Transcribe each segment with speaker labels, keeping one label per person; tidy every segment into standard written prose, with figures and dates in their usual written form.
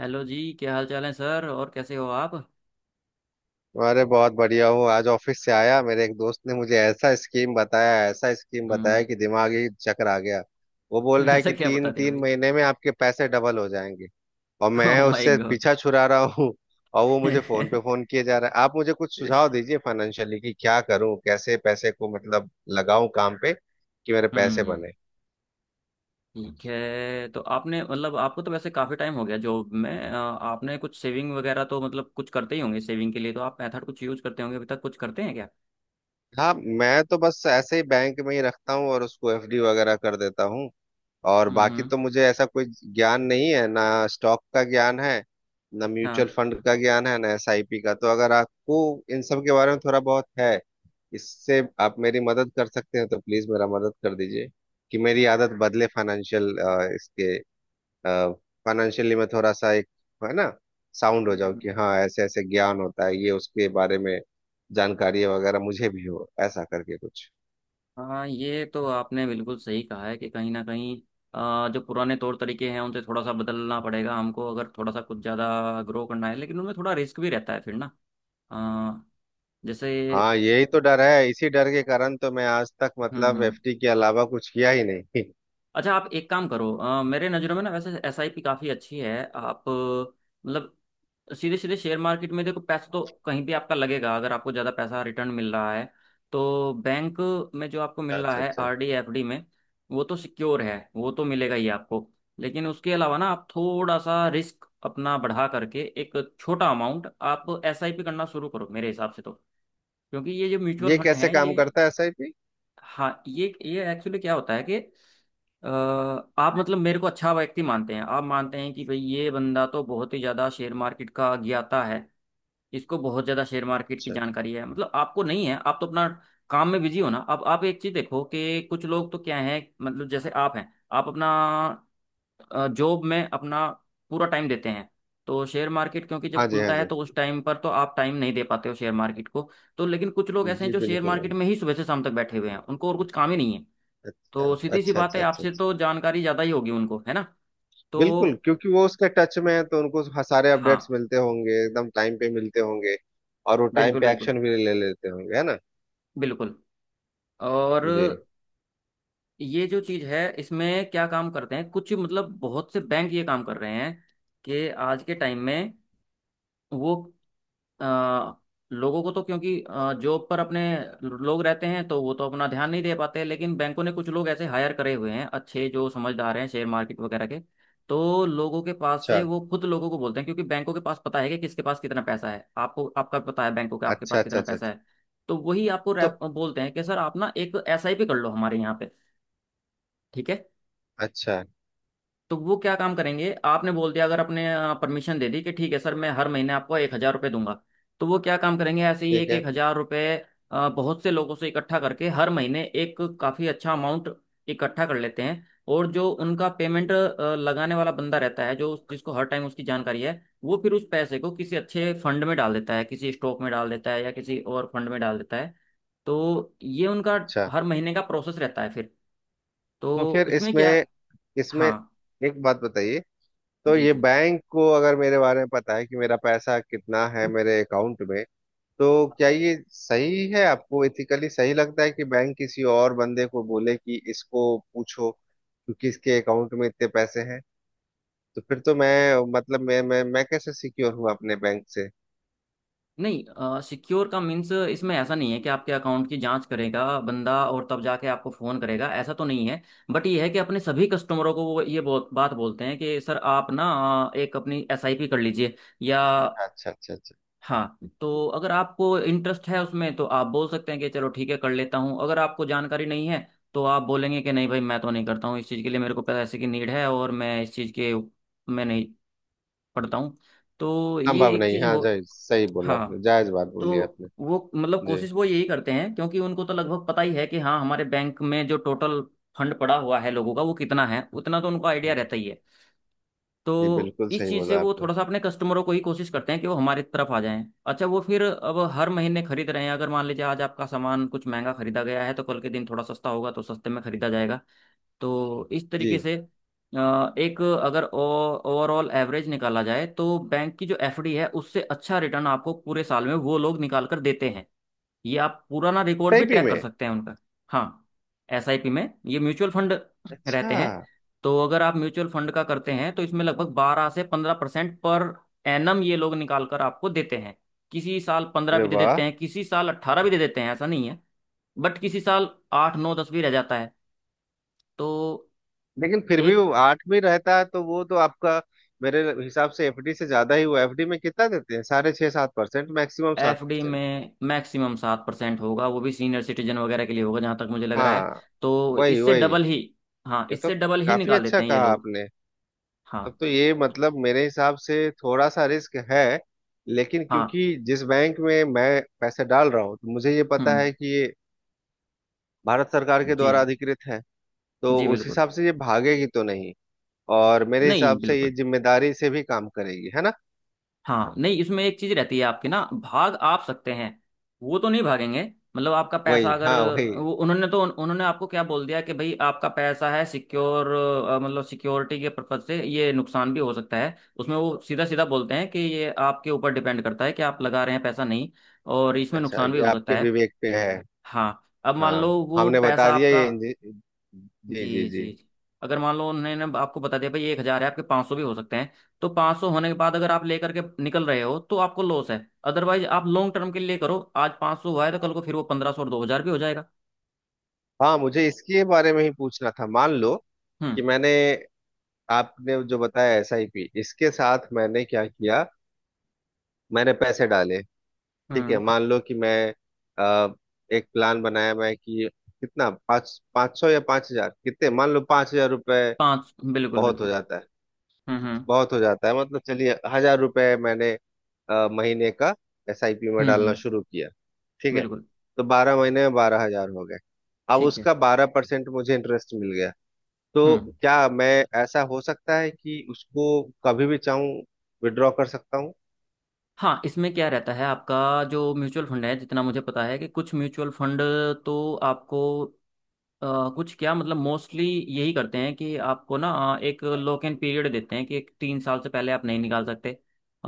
Speaker 1: Hello जी। क्या हाल चाल है सर और कैसे हो आप।
Speaker 2: अरे बहुत बढ़िया हूँ। आज ऑफिस से आया। मेरे एक दोस्त ने मुझे ऐसा स्कीम बताया, ऐसा स्कीम
Speaker 1: हम्म।
Speaker 2: बताया कि दिमाग ही चकर आ गया। वो बोल रहा है
Speaker 1: ऐसा
Speaker 2: कि
Speaker 1: क्या बता
Speaker 2: तीन
Speaker 1: दिया
Speaker 2: तीन
Speaker 1: भाई।
Speaker 2: महीने में आपके पैसे डबल हो जाएंगे। और मैं
Speaker 1: ओह माय
Speaker 2: उससे
Speaker 1: गॉड।
Speaker 2: पीछा छुड़ा रहा हूँ। और वो मुझे फोन पे फोन किए जा रहा है। आप मुझे कुछ सुझाव दीजिए फाइनेंशियली कि क्या करूँ, कैसे पैसे को मतलब लगाऊं काम पे कि मेरे पैसे
Speaker 1: हम्म।
Speaker 2: बने।
Speaker 1: ठीक है। तो आपने मतलब आपको तो वैसे काफी टाइम हो गया जॉब में, आपने कुछ सेविंग वगैरह तो मतलब कुछ करते ही होंगे। सेविंग के लिए तो आप मेथड कुछ यूज करते होंगे। अभी तक कुछ करते हैं क्या।
Speaker 2: हाँ, मैं तो बस ऐसे ही बैंक में ही रखता हूँ और उसको एफडी वगैरह कर देता हूँ। और बाकी
Speaker 1: हम्म।
Speaker 2: तो मुझे ऐसा कोई ज्ञान नहीं है ना, स्टॉक का ज्ञान है ना म्यूचुअल
Speaker 1: हाँ।
Speaker 2: फंड का ज्ञान है ना एसआईपी का। तो अगर आपको इन सब के बारे में थोड़ा बहुत है, इससे आप मेरी मदद कर सकते हैं तो प्लीज मेरा मदद कर दीजिए कि मेरी आदत बदले फाइनेंशियल, इसके, फाइनेंशियली मैं थोड़ा सा एक, है ना, साउंड हो जाऊं
Speaker 1: हम्म।
Speaker 2: कि हाँ ऐसे ऐसे ज्ञान होता है ये, उसके बारे में जानकारी वगैरह मुझे भी हो ऐसा करके कुछ।
Speaker 1: हाँ, ये तो आपने बिल्कुल सही कहा है कि कहीं ना कहीं जो पुराने तौर तरीके हैं उनसे थोड़ा सा बदलना पड़ेगा हमको। अगर थोड़ा सा कुछ ज़्यादा ग्रो करना है लेकिन उनमें थोड़ा रिस्क भी रहता है फिर ना। अ, जैसे।
Speaker 2: हाँ, यही तो डर है। इसी डर के कारण तो मैं आज तक मतलब
Speaker 1: हम्म।
Speaker 2: एफडी के अलावा कुछ किया ही नहीं।
Speaker 1: अच्छा, आप एक काम करो। मेरे नज़रों में ना वैसे एसआईपी काफ़ी अच्छी है। आप मतलब सीधे सीधे शेयर मार्केट में देखो, पैसा तो कहीं भी आपका लगेगा। अगर आपको ज़्यादा पैसा रिटर्न मिल रहा है तो बैंक में जो आपको मिल रहा
Speaker 2: अच्छा
Speaker 1: है
Speaker 2: अच्छा।
Speaker 1: आरडी एफडी में, वो तो सिक्योर है, वो तो मिलेगा ही आपको। लेकिन उसके अलावा ना आप थोड़ा सा रिस्क अपना बढ़ा करके एक छोटा अमाउंट आप एसआईपी करना शुरू करो मेरे हिसाब से तो। क्योंकि ये जो म्यूचुअल
Speaker 2: ये
Speaker 1: फंड
Speaker 2: कैसे
Speaker 1: है
Speaker 2: काम
Speaker 1: ये।
Speaker 2: करता है एसआईपी?
Speaker 1: हाँ, ये एक्चुअली क्या होता है कि अ, आप मतलब मेरे को अच्छा व्यक्ति मानते हैं, आप मानते हैं कि भाई ये बंदा तो बहुत ही ज़्यादा शेयर मार्केट का ज्ञाता है, इसको बहुत ज़्यादा शेयर मार्केट की
Speaker 2: अच्छा अच्छा।
Speaker 1: जानकारी है, मतलब आपको नहीं है। आप तो अपना काम में बिजी हो ना। अब आप एक चीज़ देखो कि कुछ लोग तो क्या है, मतलब जैसे आप हैं आप अपना जॉब में अपना पूरा टाइम देते हैं। तो शेयर मार्केट क्योंकि जब
Speaker 2: हाँ जी, हाँ
Speaker 1: खुलता है
Speaker 2: जी।
Speaker 1: तो उस टाइम पर तो आप टाइम नहीं दे पाते हो शेयर मार्केट को। तो लेकिन कुछ लोग ऐसे हैं
Speaker 2: जी
Speaker 1: जो शेयर
Speaker 2: बिल्कुल।
Speaker 1: मार्केट में ही सुबह से शाम तक बैठे हुए हैं, उनको और कुछ काम ही नहीं है।
Speaker 2: अच्छा
Speaker 1: तो
Speaker 2: अच्छा
Speaker 1: सीधी सी बात
Speaker 2: अच्छा
Speaker 1: है,
Speaker 2: अच्छा
Speaker 1: आपसे
Speaker 2: अच्छा।
Speaker 1: तो जानकारी ज़्यादा ही होगी उनको, है ना। तो।
Speaker 2: बिल्कुल, क्योंकि वो उसके टच में है तो उनको सारे अपडेट्स
Speaker 1: हाँ,
Speaker 2: मिलते होंगे, एकदम टाइम पे मिलते होंगे। और वो टाइम
Speaker 1: बिल्कुल
Speaker 2: पे
Speaker 1: बिल्कुल
Speaker 2: एक्शन भी ले लेते होंगे, है ना?
Speaker 1: बिल्कुल। और
Speaker 2: जी।
Speaker 1: ये जो चीज़ है इसमें क्या काम करते हैं कुछ, मतलब बहुत से बैंक ये काम कर रहे हैं कि आज के टाइम में वो आ, लोगों को, तो क्योंकि जॉब पर अपने लोग रहते हैं तो वो तो अपना ध्यान नहीं दे पाते, लेकिन बैंकों ने कुछ लोग ऐसे हायर करे हुए हैं अच्छे जो समझदार हैं शेयर मार्केट वगैरह के। तो लोगों के पास से
Speaker 2: अच्छा
Speaker 1: वो खुद लोगों को बोलते हैं, क्योंकि बैंकों के पास पता है कि किसके पास कितना पैसा है। आपको आपका पता है, बैंकों के आपके
Speaker 2: अच्छा
Speaker 1: पास
Speaker 2: अच्छा
Speaker 1: कितना
Speaker 2: अच्छा
Speaker 1: पैसा
Speaker 2: अच्छा।
Speaker 1: है। तो वही आपको
Speaker 2: तो
Speaker 1: बोलते हैं कि सर आप ना एक एसआईपी कर लो हमारे यहाँ पे, ठीक है।
Speaker 2: अच्छा।
Speaker 1: तो वो क्या काम करेंगे, आपने बोल दिया अगर आपने परमिशन दे दी कि ठीक है सर मैं हर महीने आपको 1,000 रुपये दूंगा। तो वो क्या काम करेंगे, ऐसे ही
Speaker 2: ठीक
Speaker 1: एक
Speaker 2: है।
Speaker 1: एक हजार रुपये बहुत से लोगों से इकट्ठा करके हर महीने एक काफ़ी अच्छा अमाउंट इकट्ठा कर लेते हैं। और जो उनका पेमेंट लगाने वाला बंदा रहता है, जो जिसको हर टाइम उसकी जानकारी है, वो फिर उस पैसे को किसी अच्छे फंड में डाल देता है, किसी स्टॉक में डाल देता है या किसी और फंड में डाल देता है। तो ये उनका
Speaker 2: अच्छा,
Speaker 1: हर महीने का प्रोसेस रहता है फिर।
Speaker 2: तो
Speaker 1: तो
Speaker 2: फिर
Speaker 1: उसमें क्या।
Speaker 2: इसमें, इसमें
Speaker 1: हाँ
Speaker 2: एक बात बताइए। तो
Speaker 1: जी
Speaker 2: ये
Speaker 1: जी।
Speaker 2: बैंक को अगर मेरे बारे में पता है कि मेरा पैसा कितना है मेरे अकाउंट में, तो क्या ये सही है? आपको एथिकली सही लगता है कि बैंक किसी और बंदे को बोले कि इसको पूछो क्योंकि इसके अकाउंट में इतने पैसे हैं? तो फिर तो मैं, मतलब मैं कैसे सिक्योर हूँ अपने बैंक से?
Speaker 1: नहीं, सिक्योर का मीन्स इसमें ऐसा नहीं है कि आपके अकाउंट की जांच करेगा बंदा और तब जाके आपको फ़ोन करेगा, ऐसा तो नहीं है। बट ये है कि अपने सभी कस्टमरों को वो ये बहुत बात बोलते हैं कि सर आप ना एक अपनी एसआईपी कर लीजिए, या।
Speaker 2: अच्छा अच्छा अच्छा।
Speaker 1: हाँ, तो अगर आपको इंटरेस्ट है उसमें तो आप बोल सकते हैं कि चलो ठीक है कर लेता हूँ। अगर आपको जानकारी नहीं है तो आप बोलेंगे कि नहीं भाई मैं तो नहीं करता हूँ, इस चीज़ के लिए मेरे को पैसे की नीड है और मैं इस चीज़ के मैं नहीं पढ़ता हूँ। तो ये
Speaker 2: संभव
Speaker 1: एक
Speaker 2: नहीं।
Speaker 1: चीज़
Speaker 2: हाँ,
Speaker 1: हो।
Speaker 2: जायज, सही बोला आपने,
Speaker 1: हाँ।
Speaker 2: जायज बात
Speaker 1: तो
Speaker 2: बोली आपने।
Speaker 1: वो मतलब
Speaker 2: जी
Speaker 1: कोशिश वो यही करते हैं, क्योंकि उनको तो लगभग पता ही है कि हाँ, हमारे बैंक में जो टोटल फंड पड़ा हुआ है लोगों का वो कितना है, उतना तो उनको आइडिया
Speaker 2: जी
Speaker 1: रहता ही है।
Speaker 2: जी।
Speaker 1: तो
Speaker 2: बिल्कुल
Speaker 1: इस
Speaker 2: सही
Speaker 1: चीज़ से
Speaker 2: बोला
Speaker 1: वो
Speaker 2: आपने।
Speaker 1: थोड़ा सा अपने कस्टमरों को ही कोशिश करते हैं कि वो हमारी तरफ आ जाएं। अच्छा, वो फिर अब हर महीने खरीद रहे हैं। अगर मान लीजिए आज आपका सामान कुछ महंगा खरीदा गया है तो कल के दिन थोड़ा सस्ता होगा, तो सस्ते में खरीदा जाएगा। तो इस तरीके
Speaker 2: जी।
Speaker 1: से एक अगर ओवरऑल एवरेज निकाला जाए तो बैंक की जो एफडी है उससे अच्छा रिटर्न आपको पूरे साल में वो लोग निकाल कर देते हैं। ये आप पुराना रिकॉर्ड भी
Speaker 2: एसआईपी
Speaker 1: ट्रैक
Speaker 2: में?
Speaker 1: कर सकते हैं उनका। हाँ। एसआईपी में ये म्यूचुअल फंड
Speaker 2: अच्छा।
Speaker 1: रहते हैं। तो अगर आप म्यूचुअल फंड का करते हैं तो इसमें लगभग 12 से 15% पर एनम ये लोग निकाल कर आपको देते हैं। किसी साल 15
Speaker 2: अरे
Speaker 1: भी दे
Speaker 2: वाह!
Speaker 1: देते हैं, किसी साल 18 भी दे देते हैं, ऐसा नहीं है। बट किसी साल 8, 9, 10 भी रह जाता है। तो
Speaker 2: लेकिन फिर भी
Speaker 1: एक।
Speaker 2: वो आठ में रहता है तो वो तो आपका, मेरे हिसाब से एफडी से ज्यादा ही हुआ। एफडी में कितना देते हैं, 6.5 7%? मैक्सिमम सात
Speaker 1: एफडी
Speaker 2: परसेंट
Speaker 1: में मैक्सिमम 7% होगा, वो भी सीनियर सिटीजन वगैरह के लिए होगा जहां तक मुझे लग रहा है।
Speaker 2: हाँ।
Speaker 1: तो
Speaker 2: वही
Speaker 1: इससे
Speaker 2: वही।
Speaker 1: डबल ही। हाँ,
Speaker 2: ये तो
Speaker 1: इससे डबल ही
Speaker 2: काफी
Speaker 1: निकाल
Speaker 2: अच्छा
Speaker 1: देते हैं ये
Speaker 2: कहा
Speaker 1: लोग।
Speaker 2: आपने।
Speaker 1: हाँ।
Speaker 2: तब तो ये मतलब मेरे हिसाब से थोड़ा सा रिस्क है, लेकिन
Speaker 1: हाँ।
Speaker 2: क्योंकि जिस बैंक में मैं पैसे डाल रहा हूँ तो मुझे ये पता
Speaker 1: हम्म।
Speaker 2: है कि ये भारत सरकार के
Speaker 1: जी
Speaker 2: द्वारा अधिकृत है। तो
Speaker 1: जी
Speaker 2: उस
Speaker 1: बिल्कुल।
Speaker 2: हिसाब से ये भागेगी तो नहीं। और मेरे
Speaker 1: नहीं,
Speaker 2: हिसाब से ये
Speaker 1: बिल्कुल।
Speaker 2: जिम्मेदारी से भी काम करेगी, है ना?
Speaker 1: हाँ, नहीं इसमें एक चीज रहती है आपकी ना, भाग आप सकते हैं, वो तो नहीं भागेंगे। मतलब आपका पैसा
Speaker 2: वही,
Speaker 1: अगर
Speaker 2: हाँ, वही।
Speaker 1: वो, उन्होंने तो उन्होंने आपको क्या बोल दिया कि भाई आपका पैसा है सिक्योर। मतलब सिक्योरिटी के पर्पज से ये नुकसान भी हो सकता है उसमें, वो सीधा सीधा बोलते हैं कि ये आपके ऊपर डिपेंड करता है कि आप लगा रहे हैं पैसा नहीं, और इसमें
Speaker 2: अच्छा,
Speaker 1: नुकसान भी
Speaker 2: ये
Speaker 1: हो सकता
Speaker 2: आपके
Speaker 1: है।
Speaker 2: विवेक पे है।
Speaker 1: हाँ। अब मान लो
Speaker 2: हाँ,
Speaker 1: वो
Speaker 2: हमने बता
Speaker 1: पैसा
Speaker 2: दिया
Speaker 1: आपका।
Speaker 2: ये
Speaker 1: जी
Speaker 2: जी जी जी।
Speaker 1: जी जी। अगर मान लो उन्होंने ना आपको बता दिया भाई 1,000 है आपके, 500 भी हो सकते हैं। तो 500 होने के बाद अगर आप लेकर के निकल रहे हो तो आपको लॉस है। अदरवाइज आप लॉन्ग टर्म के लिए करो, आज 500 हुआ है तो कल को फिर वो 1,500 और 2,000 भी हो जाएगा।
Speaker 2: हाँ, मुझे इसके बारे में ही पूछना था। मान लो कि
Speaker 1: हम्म
Speaker 2: मैंने, आपने जो बताया एस आई पी, इसके साथ मैंने क्या किया, मैंने पैसे डाले। ठीक है,
Speaker 1: हम्म।
Speaker 2: मान लो कि मैं, अ, एक प्लान बनाया मैं कि कितना, पाँच पाँच सौ या 5,000, कितने, मान लो 5,000 रुपये
Speaker 1: पाँच, बिल्कुल
Speaker 2: बहुत हो
Speaker 1: बिल्कुल।
Speaker 2: जाता है।
Speaker 1: हम्म।
Speaker 2: बहुत हो जाता है, मतलब चलिए हजार रुपए मैंने महीने का एसआईपी में डालना
Speaker 1: हम्म।
Speaker 2: शुरू किया। ठीक है,
Speaker 1: बिल्कुल।
Speaker 2: तो 12 महीने में 12,000 हो गए। अब
Speaker 1: ठीक है।
Speaker 2: उसका 12% मुझे इंटरेस्ट मिल गया, तो
Speaker 1: हम्म।
Speaker 2: क्या मैं, ऐसा हो सकता है कि उसको कभी भी चाहूं विड्रॉ कर सकता हूँ?
Speaker 1: हाँ, इसमें क्या रहता है आपका जो म्यूचुअल फंड है, जितना मुझे पता है कि कुछ म्यूचुअल फंड तो आपको अ, कुछ, क्या मतलब मोस्टली यही करते हैं कि आपको ना एक लॉक इन पीरियड देते हैं कि एक 3 साल से पहले आप नहीं निकाल सकते।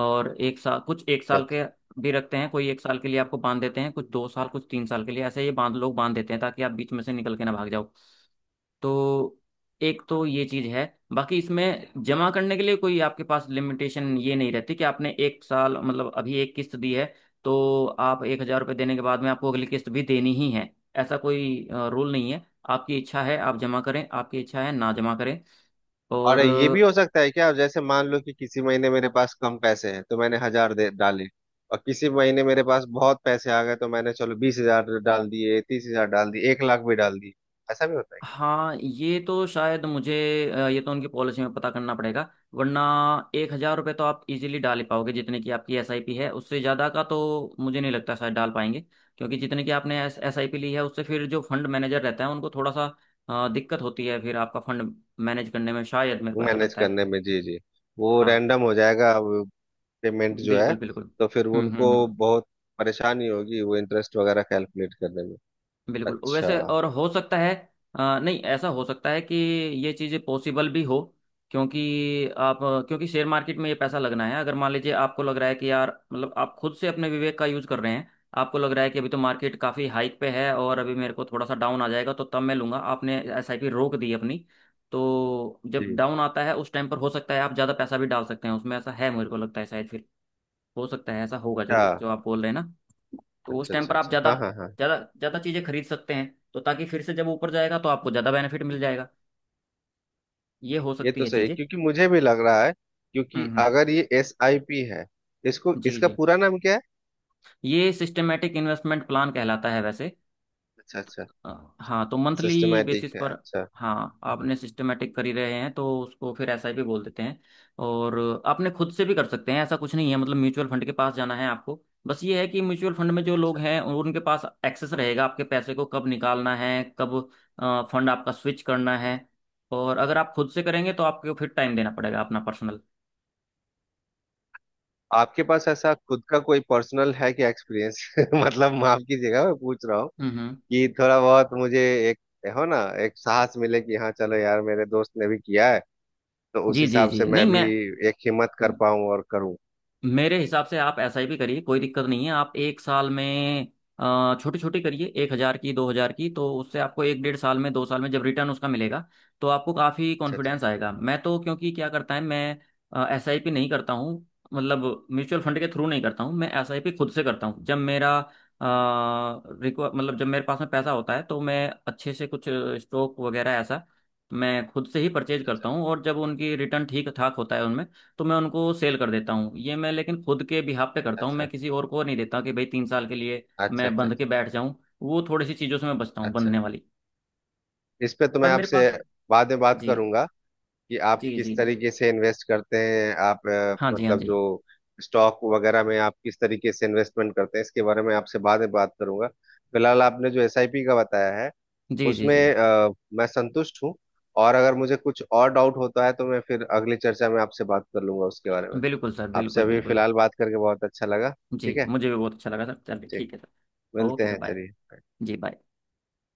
Speaker 1: और एक साल, कुछ एक साल
Speaker 2: अच्छा।
Speaker 1: के भी रखते हैं, कोई एक साल के लिए आपको बांध देते हैं, कुछ 2 साल, कुछ 3 साल के लिए, ऐसे ये बांध लोग बांध देते हैं ताकि आप बीच में से निकल के ना भाग जाओ। तो एक तो ये चीज है। बाकी इसमें जमा करने के लिए कोई आपके पास लिमिटेशन ये नहीं रहती कि आपने एक साल मतलब अभी एक किस्त दी है तो आप 1,000 रुपये देने के बाद में आपको अगली किस्त भी देनी ही है, ऐसा कोई रूल नहीं है। आपकी इच्छा है आप जमा करें, आपकी इच्छा है ना जमा करें।
Speaker 2: और
Speaker 1: और।
Speaker 2: ये भी हो सकता है क्या, जैसे मान लो कि किसी महीने मेरे पास कम पैसे हैं तो मैंने हजार दे डाले, और किसी महीने मेरे पास बहुत पैसे आ गए तो मैंने चलो 20,000 डाल दिए, 30,000 डाल दिए, 1,00,000 भी डाल दिए, ऐसा भी होता है?
Speaker 1: हाँ। ये तो शायद मुझे ये तो उनकी पॉलिसी में पता करना पड़ेगा। वरना 1,000 रुपये तो आप इजीली डाल ही पाओगे, जितने की आपकी एसआईपी है उससे ज़्यादा का तो मुझे नहीं लगता शायद डाल पाएंगे। क्योंकि जितने की आपने एसआईपी ली है उससे फिर जो फंड मैनेजर रहता है उनको थोड़ा सा दिक्कत होती है फिर आपका फंड मैनेज करने में, शायद मेरे को ऐसा
Speaker 2: मैनेज
Speaker 1: लगता है।
Speaker 2: करने में, जी जी। वो
Speaker 1: हाँ,
Speaker 2: रैंडम हो जाएगा पेमेंट जो है।
Speaker 1: बिल्कुल बिल्कुल।
Speaker 2: तो फिर वो
Speaker 1: हम्म।
Speaker 2: उनको बहुत परेशानी होगी, वो इंटरेस्ट वगैरह कैलकुलेट करने में।
Speaker 1: बिल्कुल,
Speaker 2: अच्छा।
Speaker 1: वैसे और हो सकता है नहीं, ऐसा हो सकता है कि ये चीज़ें पॉसिबल भी हो। क्योंकि आप क्योंकि शेयर मार्केट में ये पैसा लगना है। अगर मान लीजिए आपको लग रहा है कि यार मतलब आप खुद से अपने विवेक का यूज़ कर रहे हैं, आपको लग रहा है कि अभी तो मार्केट काफ़ी हाइक पे है और अभी मेरे को थोड़ा सा डाउन आ जाएगा तो तब मैं लूंगा, आपने एसआईपी रोक दी अपनी। तो जब
Speaker 2: जी।
Speaker 1: डाउन आता है उस टाइम पर हो सकता है आप ज़्यादा पैसा भी डाल सकते हैं उसमें, ऐसा है मेरे को लगता है शायद फिर। हो सकता है ऐसा होगा जरूर
Speaker 2: हाँ।
Speaker 1: जो आप बोल रहे हैं ना। तो उस
Speaker 2: अच्छा
Speaker 1: टाइम
Speaker 2: अच्छा
Speaker 1: पर आप
Speaker 2: अच्छा।
Speaker 1: ज़्यादा
Speaker 2: हाँ हाँ हाँ।
Speaker 1: ज़्यादा ज़्यादा चीज़ें खरीद सकते हैं, तो ताकि फिर से जब ऊपर जाएगा तो आपको ज़्यादा बेनिफिट मिल जाएगा। ये हो
Speaker 2: ये
Speaker 1: सकती
Speaker 2: तो
Speaker 1: है
Speaker 2: सही है,
Speaker 1: चीज़ें।
Speaker 2: क्योंकि मुझे भी लग रहा है, क्योंकि
Speaker 1: हम्म।
Speaker 2: अगर ये एस आई पी है, इसको,
Speaker 1: जी
Speaker 2: इसका
Speaker 1: जी।
Speaker 2: पूरा नाम क्या है?
Speaker 1: ये सिस्टमेटिक इन्वेस्टमेंट प्लान कहलाता है वैसे।
Speaker 2: अच्छा अच्छा।
Speaker 1: हाँ, तो मंथली
Speaker 2: सिस्टमेटिक
Speaker 1: बेसिस
Speaker 2: है?
Speaker 1: पर।
Speaker 2: अच्छा।
Speaker 1: हाँ, आपने सिस्टमेटिक कर ही रहे हैं तो उसको फिर एसआईपी बोल देते हैं। और आपने खुद से भी कर सकते हैं, ऐसा कुछ नहीं है मतलब म्यूचुअल फंड के पास जाना है आपको। बस ये है कि म्यूचुअल फंड में जो लोग हैं उनके पास एक्सेस रहेगा आपके पैसे को कब निकालना है, कब फंड आपका स्विच करना है। और अगर आप खुद से करेंगे तो आपको फिर टाइम देना पड़ेगा अपना पर्सनल।
Speaker 2: आपके पास ऐसा खुद का कोई पर्सनल है क्या, एक्सपीरियंस? मतलब माफ कीजिएगा मैं पूछ रहा,
Speaker 1: हम्म हम्म।
Speaker 2: कि थोड़ा बहुत मुझे एक, हो ना, एक साहस मिले कि हाँ चलो यार मेरे दोस्त ने भी किया है तो उस
Speaker 1: जी जी
Speaker 2: हिसाब
Speaker 1: जी,
Speaker 2: से मैं
Speaker 1: नहीं मैं
Speaker 2: भी एक हिम्मत कर पाऊं और करूं।
Speaker 1: मेरे हिसाब से आप ऐसा ही भी करिए, कोई दिक्कत नहीं है। आप एक साल में छोटी छोटी करिए, 1,000 की 2,000 की, तो उससे आपको एक डेढ़ साल में 2 साल में जब रिटर्न उसका मिलेगा तो आपको काफ़ी
Speaker 2: अच्छा
Speaker 1: कॉन्फिडेंस आएगा। मैं तो, क्योंकि क्या करता है, मैं एस आई पी नहीं करता हूँ मतलब म्यूचुअल फंड के थ्रू नहीं करता हूँ। मैं एस आई पी खुद से करता हूँ, जब मेरा रिक्वा मतलब जब मेरे पास में पैसा होता है तो मैं अच्छे से कुछ स्टॉक वगैरह ऐसा मैं खुद से ही परचेज
Speaker 2: अच्छा
Speaker 1: करता हूँ। और जब उनकी रिटर्न ठीक ठाक होता है उनमें तो मैं उनको सेल कर देता हूँ। ये मैं लेकिन खुद के बिहाफ पे करता हूँ, मैं
Speaker 2: अच्छा
Speaker 1: किसी और को नहीं देता कि भाई 3 साल के लिए
Speaker 2: अच्छा अच्छा
Speaker 1: मैं
Speaker 2: अच्छा अच्छा
Speaker 1: बंध के
Speaker 2: अच्छा।
Speaker 1: बैठ जाऊँ। वो थोड़ी सी चीज़ों से मैं बचता हूँ
Speaker 2: अच्छा।
Speaker 1: बंधने वाली।
Speaker 2: इस पे तो
Speaker 1: पर
Speaker 2: मैं
Speaker 1: मेरे
Speaker 2: आपसे
Speaker 1: पास।
Speaker 2: बाद में बात
Speaker 1: जी
Speaker 2: करूंगा कि आप
Speaker 1: जी
Speaker 2: किस
Speaker 1: जी।
Speaker 2: तरीके से इन्वेस्ट करते हैं, आप,
Speaker 1: हाँ जी हाँ
Speaker 2: मतलब
Speaker 1: जी।
Speaker 2: जो स्टॉक वगैरह में आप किस तरीके से इन्वेस्टमेंट करते हैं, इसके बारे में आपसे बाद में बात करूंगा। फिलहाल आपने जो एसआईपी का बताया है
Speaker 1: जी जी
Speaker 2: उसमें,
Speaker 1: जी,
Speaker 2: मैं संतुष्ट हूँ। और अगर मुझे कुछ और डाउट होता है तो मैं फिर अगली चर्चा में आपसे बात कर लूंगा उसके बारे में।
Speaker 1: बिल्कुल सर
Speaker 2: आपसे
Speaker 1: बिल्कुल
Speaker 2: अभी
Speaker 1: बिल्कुल।
Speaker 2: फिलहाल बात करके बहुत अच्छा लगा। ठीक
Speaker 1: जी,
Speaker 2: है।
Speaker 1: मुझे भी बहुत अच्छा लगा सर। चलिए,
Speaker 2: ठीक।
Speaker 1: ठीक है सर। ओके
Speaker 2: मिलते
Speaker 1: सर,
Speaker 2: हैं,
Speaker 1: बाय।
Speaker 2: चलिए।
Speaker 1: जी बाय।